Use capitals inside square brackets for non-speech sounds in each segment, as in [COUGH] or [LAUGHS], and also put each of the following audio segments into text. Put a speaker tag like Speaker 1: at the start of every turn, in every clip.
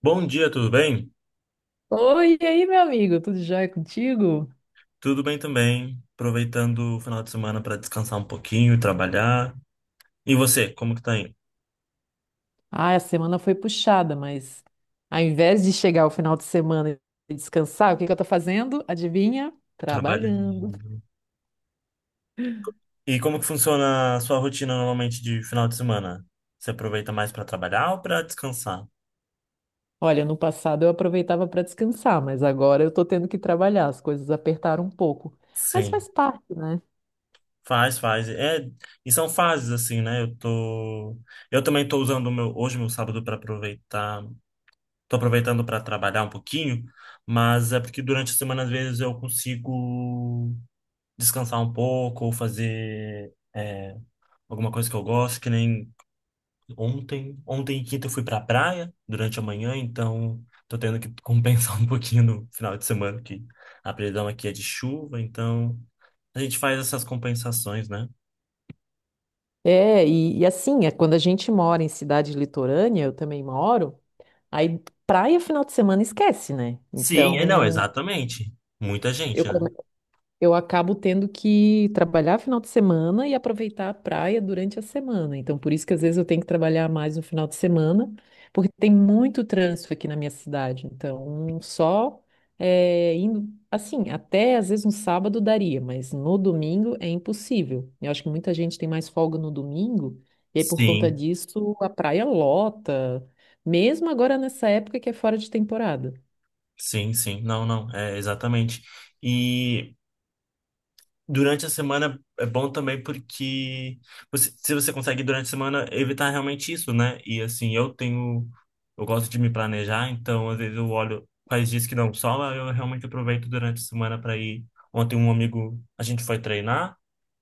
Speaker 1: Bom dia, tudo bem?
Speaker 2: Oi, e aí, meu amigo, tudo jóia contigo?
Speaker 1: Tudo bem também. Aproveitando o final de semana para descansar um pouquinho, trabalhar. E você, como que tá aí?
Speaker 2: Ah, a semana foi puxada, mas ao invés de chegar o final de semana e descansar, o que que eu tô fazendo? Adivinha? Trabalhando.
Speaker 1: Trabalhando. E como que funciona a sua rotina normalmente de final de semana? Você aproveita mais para trabalhar ou para descansar?
Speaker 2: Olha, no passado eu aproveitava para descansar, mas agora eu tô tendo que trabalhar, as coisas apertaram um pouco. Mas
Speaker 1: Sim,
Speaker 2: faz parte, né?
Speaker 1: faz. É, e são fases assim, né? Eu também tô usando o meu hoje meu sábado para aproveitar. Tô aproveitando para trabalhar um pouquinho, mas é porque durante a semana às vezes eu consigo descansar um pouco ou fazer alguma coisa que eu gosto, que nem ontem. Ontem, quinta, eu fui pra praia durante a manhã, então tô tendo que compensar [LAUGHS] um pouquinho no final de semana, que a previsão aqui é de chuva, então a gente faz essas compensações, né?
Speaker 2: É, e assim, é quando a gente mora em cidade litorânea, eu também moro, aí praia final de semana esquece, né?
Speaker 1: Sim, é, não,
Speaker 2: Então,
Speaker 1: exatamente. Muita
Speaker 2: eu
Speaker 1: gente, né?
Speaker 2: come- eu acabo tendo que trabalhar final de semana e aproveitar a praia durante a semana. Então, por isso que às vezes eu tenho que trabalhar mais no final de semana, porque tem muito trânsito aqui na minha cidade. Então, só é, indo assim, até às vezes um sábado daria, mas no domingo é impossível. Eu acho que muita gente tem mais folga no domingo, e aí por conta
Speaker 1: Sim,
Speaker 2: disso a praia lota, mesmo agora nessa época que é fora de temporada.
Speaker 1: sim, sim. Não, não, é exatamente. E. Durante a semana é bom também porque se você consegue durante a semana evitar realmente isso, né? E assim, eu tenho, eu gosto de me planejar, então às vezes eu olho quais dias que não sol, eu realmente aproveito durante a semana para ir. Ontem um amigo, a gente foi treinar,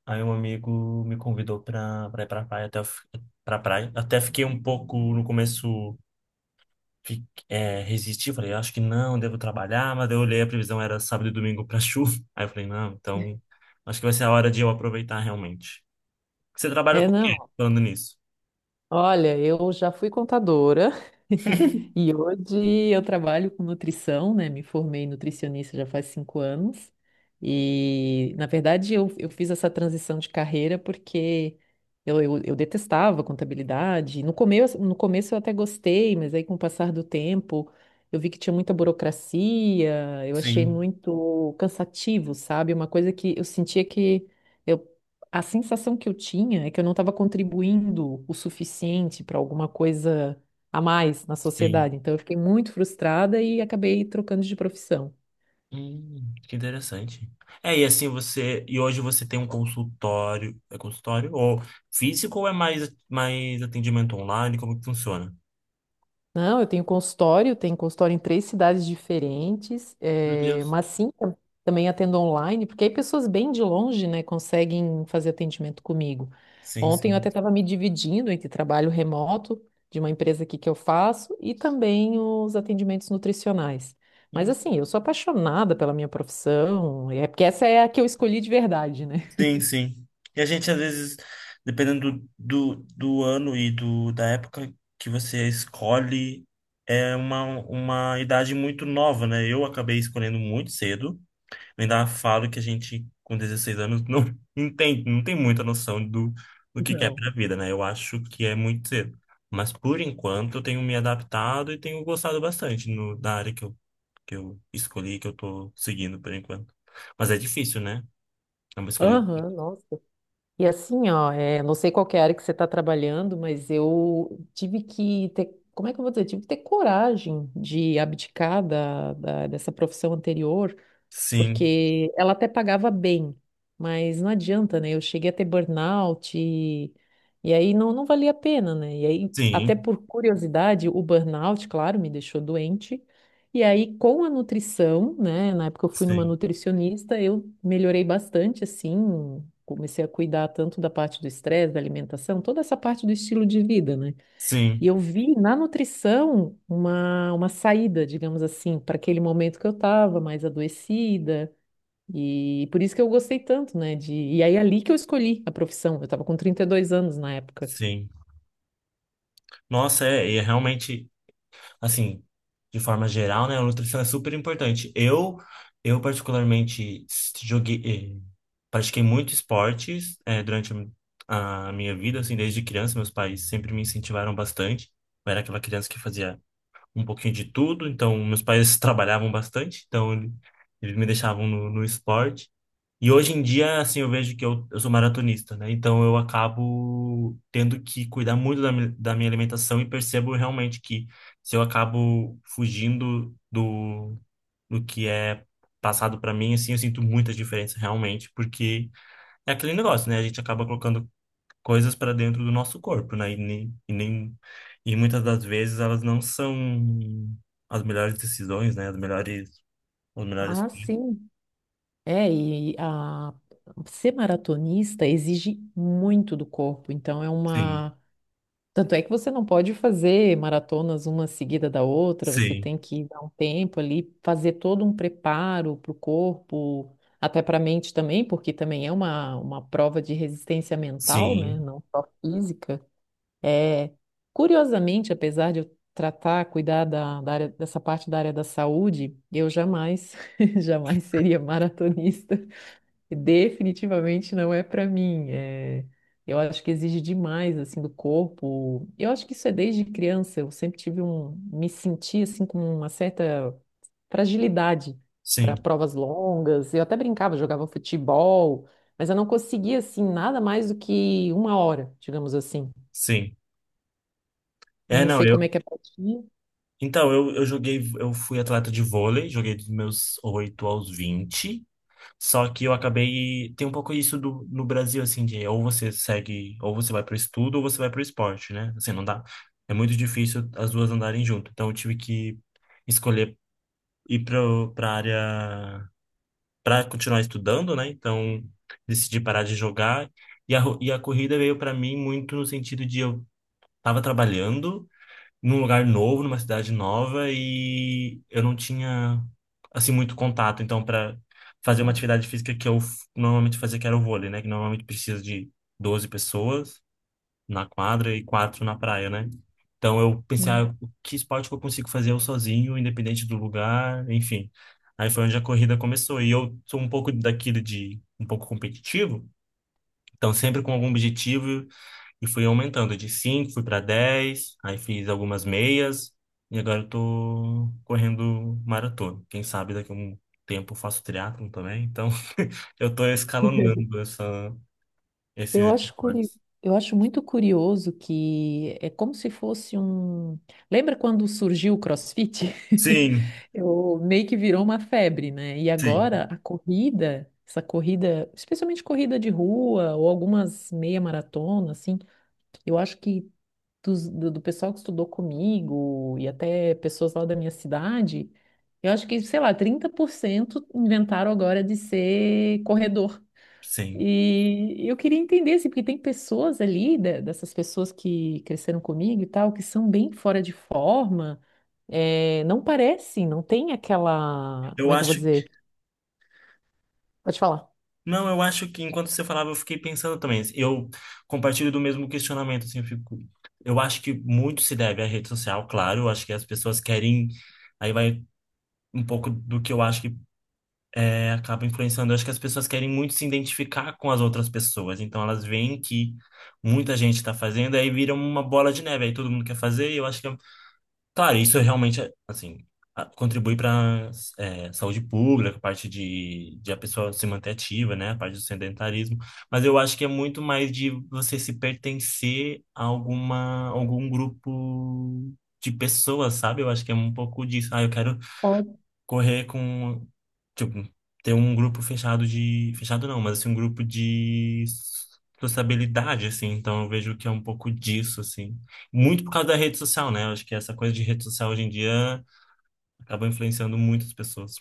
Speaker 1: aí um amigo me convidou para ir para praia pra praia. Até fiquei um pouco no começo resisti, falei, acho que não, devo trabalhar, mas daí eu olhei a previsão era sábado e domingo para [LAUGHS] chuva. Aí eu falei, não, então acho que vai ser a hora de eu aproveitar realmente. Você trabalha
Speaker 2: É,
Speaker 1: com o quê?
Speaker 2: não.
Speaker 1: Falando nisso.
Speaker 2: Olha, eu já fui contadora [LAUGHS] e hoje eu trabalho com nutrição, né? Me formei em nutricionista já faz 5 anos e, na verdade, eu fiz essa transição de carreira porque eu detestava contabilidade. No começo, no começo eu até gostei, mas aí com o passar do tempo eu vi que tinha muita burocracia, eu achei
Speaker 1: Sim.
Speaker 2: muito cansativo, sabe? Uma coisa que eu sentia que eu A sensação que eu tinha é que eu não estava contribuindo o suficiente para alguma coisa a mais na sociedade.
Speaker 1: Sim.
Speaker 2: Então, eu fiquei muito frustrada e acabei trocando de profissão.
Speaker 1: Que interessante. É, e assim você. E hoje você tem um consultório. É consultório? Ou físico ou é mais atendimento online? Como que funciona?
Speaker 2: Não, eu tenho consultório em três cidades diferentes,
Speaker 1: Meu Deus.
Speaker 2: mas sim, também atendo online, porque aí pessoas bem de longe, né, conseguem fazer atendimento comigo.
Speaker 1: Sim,
Speaker 2: Ontem eu
Speaker 1: sim.
Speaker 2: até estava me dividindo entre trabalho remoto de uma empresa aqui que eu faço e também os atendimentos nutricionais. Mas
Speaker 1: Hum.
Speaker 2: assim, eu sou apaixonada pela minha profissão, é porque essa é a que eu escolhi de verdade, né?
Speaker 1: Sim, sim. E a gente, às vezes, dependendo do ano da época que você escolhe, é uma idade muito nova, né? Eu acabei escolhendo muito cedo. Eu ainda falo que a gente, com 16 anos, não [LAUGHS] entende, não tem muita noção do que é
Speaker 2: Não.
Speaker 1: pra vida, né? Eu acho que é muito cedo. Mas, por enquanto, eu tenho me adaptado e tenho gostado bastante no, da área que eu escolhi, que eu tô seguindo, por enquanto. Mas é difícil, né? É uma escolha.
Speaker 2: Aham, nossa. E assim, ó, é, não sei qual que é a área que você está trabalhando, mas eu tive que ter, como é que eu vou dizer? Tive que ter coragem de abdicar dessa profissão anterior
Speaker 1: Sim,
Speaker 2: porque ela até pagava bem, mas não adianta, né? Eu cheguei a ter burnout e aí não, não valia a pena, né? E aí, até
Speaker 1: sim,
Speaker 2: por curiosidade, o burnout, claro, me deixou doente. E aí, com a nutrição, né? Na época eu fui numa
Speaker 1: sim,
Speaker 2: nutricionista, eu melhorei bastante, assim, comecei a cuidar tanto da parte do estresse, da alimentação, toda essa parte do estilo de vida, né? E
Speaker 1: sim,
Speaker 2: eu vi na nutrição uma saída, digamos assim, para aquele momento que eu estava mais adoecida. E por isso que eu gostei tanto, né? E aí ali que eu escolhi a profissão. Eu estava com 32 anos na época.
Speaker 1: sim. Nossa, é, e é realmente, assim, de forma geral, né, a nutrição é super importante. Eu particularmente joguei, eh, pratiquei muito esportes, durante a minha vida, assim, desde criança, meus pais sempre me incentivaram bastante. Eu era aquela criança que fazia um pouquinho de tudo, então meus pais [LAUGHS] trabalhavam bastante, então eles me deixavam no esporte. E hoje em dia, assim, eu vejo que eu sou maratonista, né? Então eu acabo tendo que cuidar muito da minha alimentação e percebo realmente que se eu acabo fugindo do que é passado para mim, assim, eu sinto muita diferença realmente, porque é aquele negócio, né? A gente acaba colocando coisas para dentro do nosso corpo, né? E nem, e nem, e muitas das vezes elas não são as melhores decisões, né? As melhores, os melhores.
Speaker 2: Ah, sim. É, e a... Ser maratonista exige muito do corpo. Então é
Speaker 1: Sim,
Speaker 2: uma. Tanto é que você não pode fazer maratonas uma seguida da outra, você
Speaker 1: sim,
Speaker 2: tem que dar um tempo ali, fazer todo um preparo para o corpo, até para a mente também, porque também é uma prova de resistência mental, né?
Speaker 1: sim,
Speaker 2: Não só física. É, curiosamente, apesar de eu tratar, cuidar da, da área, dessa parte da área da saúde, eu jamais, [LAUGHS] jamais seria maratonista. Definitivamente não é para mim. É, eu acho que exige demais assim do corpo. Eu acho que isso é desde criança. Eu sempre tive um, me senti assim com uma certa fragilidade para
Speaker 1: sim.
Speaker 2: provas longas. Eu até brincava, jogava futebol, mas eu não conseguia assim nada mais do que uma hora, digamos assim.
Speaker 1: Sim. É,
Speaker 2: Não
Speaker 1: não,
Speaker 2: sei
Speaker 1: eu.
Speaker 2: como é que é pra ti.
Speaker 1: Então, eu joguei, eu fui atleta de vôlei, joguei dos meus 8 aos 20. Só que eu acabei. Tem um pouco isso do, no Brasil, assim, de ou você segue, ou você vai pro estudo, ou você vai pro esporte, né? Assim, não dá. É muito difícil as duas andarem junto. Então, eu tive que escolher pra área. Pra continuar estudando, né? Então, decidi parar de jogar. E a corrida veio para mim muito no sentido de eu tava trabalhando num lugar novo, numa cidade nova e eu não tinha assim muito contato, então para fazer uma atividade física normalmente fazia que era o vôlei, né, que normalmente precisa de 12 pessoas na quadra e 4 na praia, né? Então eu pensei, ah,
Speaker 2: Hum.
Speaker 1: o que esporte que eu consigo fazer eu sozinho, independente do lugar, enfim. Aí foi onde a corrida começou e eu sou um pouco daquilo de um pouco competitivo, então sempre com algum objetivo e fui aumentando de 5 fui para 10 aí fiz algumas meias e agora eu tô correndo maratona. Quem sabe daqui a um tempo eu faço triatlon também, então [LAUGHS] eu tô escalonando
Speaker 2: Eu
Speaker 1: esses
Speaker 2: acho curi...
Speaker 1: esportes.
Speaker 2: eu acho muito curioso que é como se fosse um. Lembra quando surgiu o CrossFit?
Speaker 1: Sim,
Speaker 2: [LAUGHS] Eu meio que virou uma febre, né? E
Speaker 1: sim,
Speaker 2: agora a corrida, essa corrida, especialmente corrida de rua ou algumas meia maratona, assim, eu acho que do pessoal que estudou comigo e até pessoas lá da minha cidade, eu acho que, sei lá, 30% inventaram agora de ser corredor.
Speaker 1: sim.
Speaker 2: E eu queria entender, assim, porque tem pessoas ali, dessas pessoas que cresceram comigo e tal, que são bem fora de forma, é, não parecem, não tem aquela,
Speaker 1: Eu
Speaker 2: como é que eu vou
Speaker 1: acho que,
Speaker 2: dizer? Pode falar.
Speaker 1: não, eu acho que enquanto você falava eu fiquei pensando também. Eu compartilho do mesmo questionamento, assim, eu fico, eu acho que muito se deve à rede social, claro, eu acho que as pessoas querem, aí vai um pouco do que eu acho acaba influenciando. Eu acho que as pessoas querem muito se identificar com as outras pessoas, então elas veem que muita gente está fazendo, aí vira uma bola de neve, aí todo mundo quer fazer, e eu acho que claro, isso realmente, é, assim, contribui para saúde pública, a parte de a pessoa se manter ativa, né, a parte do sedentarismo, mas eu acho que é muito mais de você se pertencer a algum grupo de pessoas, sabe? Eu acho que é um pouco disso. Ah, eu quero correr com, tipo, ter um grupo fechado fechado não, mas assim, um grupo de sociabilidade, assim, então eu vejo que é um pouco disso, assim. Muito por causa da rede social, né? Eu acho que essa coisa de rede social hoje em dia acaba influenciando muitas pessoas.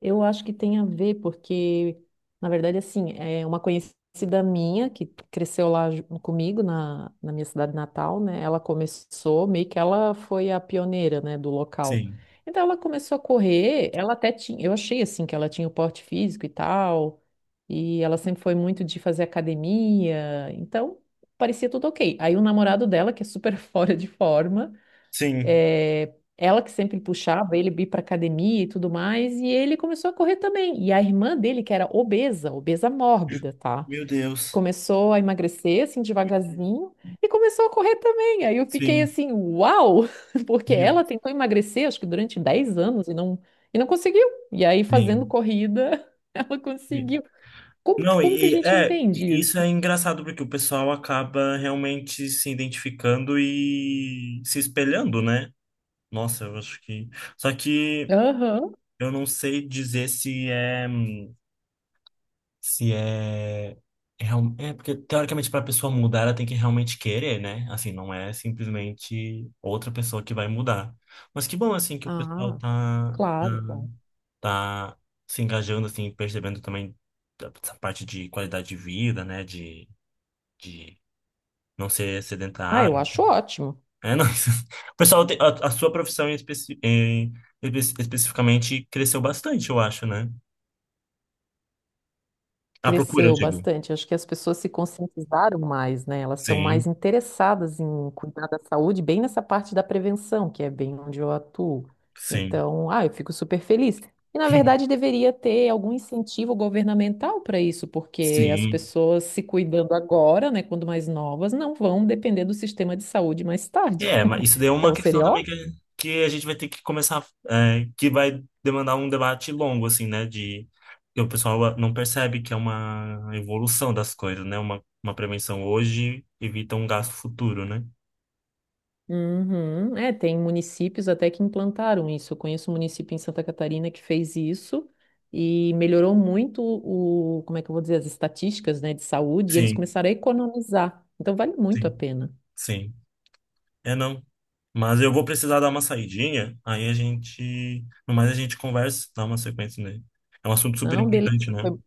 Speaker 2: Eu acho que tem a ver, porque, na verdade, assim, é uma conhecida minha que cresceu lá comigo, na, na minha cidade natal, né? Ela começou, meio que ela foi a pioneira, né, do local.
Speaker 1: Sim.
Speaker 2: Então, ela começou a correr, ela até tinha, eu achei, assim, que ela tinha o porte físico e tal, e ela sempre foi muito de fazer academia, então, parecia tudo ok. Aí, o namorado dela, que é super [LAUGHS] fora de forma,
Speaker 1: Sim.
Speaker 2: é, ela que sempre puxava ele para pra academia e tudo mais, e ele começou a correr também. E a irmã dele, que era obesa, obesa mórbida, tá?
Speaker 1: Meu Deus.
Speaker 2: Começou a emagrecer assim devagarzinho e começou a correr também. Aí eu fiquei
Speaker 1: Sim.
Speaker 2: assim, uau! [LAUGHS] Porque
Speaker 1: Meu.
Speaker 2: ela tentou emagrecer, acho que durante 10 anos e não conseguiu. E aí fazendo
Speaker 1: Sim.
Speaker 2: corrida, [LAUGHS] ela
Speaker 1: Me-.
Speaker 2: conseguiu.
Speaker 1: Não,
Speaker 2: Como que a gente entende
Speaker 1: e isso
Speaker 2: isso?
Speaker 1: é engraçado porque o pessoal acaba realmente se identificando e se espelhando, né? Nossa, eu acho que. Só que
Speaker 2: Aham.
Speaker 1: eu não sei dizer se é. Se é. É, é porque, teoricamente, para a pessoa mudar, ela tem que realmente querer, né? Assim, não é simplesmente outra pessoa que vai mudar. Mas que bom, assim, que o pessoal
Speaker 2: Ah, claro, claro.
Speaker 1: tá se engajando, assim, percebendo também essa parte de qualidade de vida, né? De não ser
Speaker 2: Ah, eu
Speaker 1: sedentário.
Speaker 2: acho ótimo.
Speaker 1: É, não. [LAUGHS] O pessoal, a sua profissão especificamente cresceu bastante, eu acho, né? A procura, eu
Speaker 2: Cresceu
Speaker 1: digo.
Speaker 2: bastante. Acho que as pessoas se conscientizaram mais, né? Elas estão mais
Speaker 1: Sim,
Speaker 2: interessadas em cuidar da saúde, bem nessa parte da prevenção, que é bem onde eu atuo.
Speaker 1: sim,
Speaker 2: Então, ah, eu fico super feliz. E, na
Speaker 1: [LAUGHS]
Speaker 2: verdade, deveria ter algum incentivo governamental para isso, porque as
Speaker 1: sim.
Speaker 2: pessoas se cuidando agora, né, quando mais novas, não vão depender do sistema de saúde mais tarde.
Speaker 1: É, mas
Speaker 2: [LAUGHS]
Speaker 1: isso daí é uma
Speaker 2: Então,
Speaker 1: questão
Speaker 2: seria
Speaker 1: também
Speaker 2: ótimo.
Speaker 1: que a gente vai ter que começar, é, que vai demandar um debate longo, assim, né? De, que o pessoal não percebe que é uma evolução das coisas, né? Uma prevenção hoje evita um gasto futuro, né?
Speaker 2: Uhum. É, tem municípios até que implantaram isso. Eu conheço um município em Santa Catarina que fez isso e melhorou muito o, como é que eu vou dizer, as estatísticas, né, de saúde, e eles
Speaker 1: Sim,
Speaker 2: começaram a economizar. Então vale muito a
Speaker 1: sim,
Speaker 2: pena.
Speaker 1: sim. É não. Mas eu vou precisar dar uma saidinha, aí a gente, no mais a gente conversa, dá uma sequência nele. É um assunto super
Speaker 2: Não, beleza.
Speaker 1: importante, né?
Speaker 2: Foi,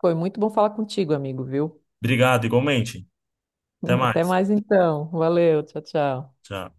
Speaker 2: foi muito bom falar contigo, amigo, viu?
Speaker 1: Obrigado, igualmente. Até
Speaker 2: [LAUGHS] Até
Speaker 1: mais.
Speaker 2: mais então. Valeu, tchau, tchau.
Speaker 1: Tchau.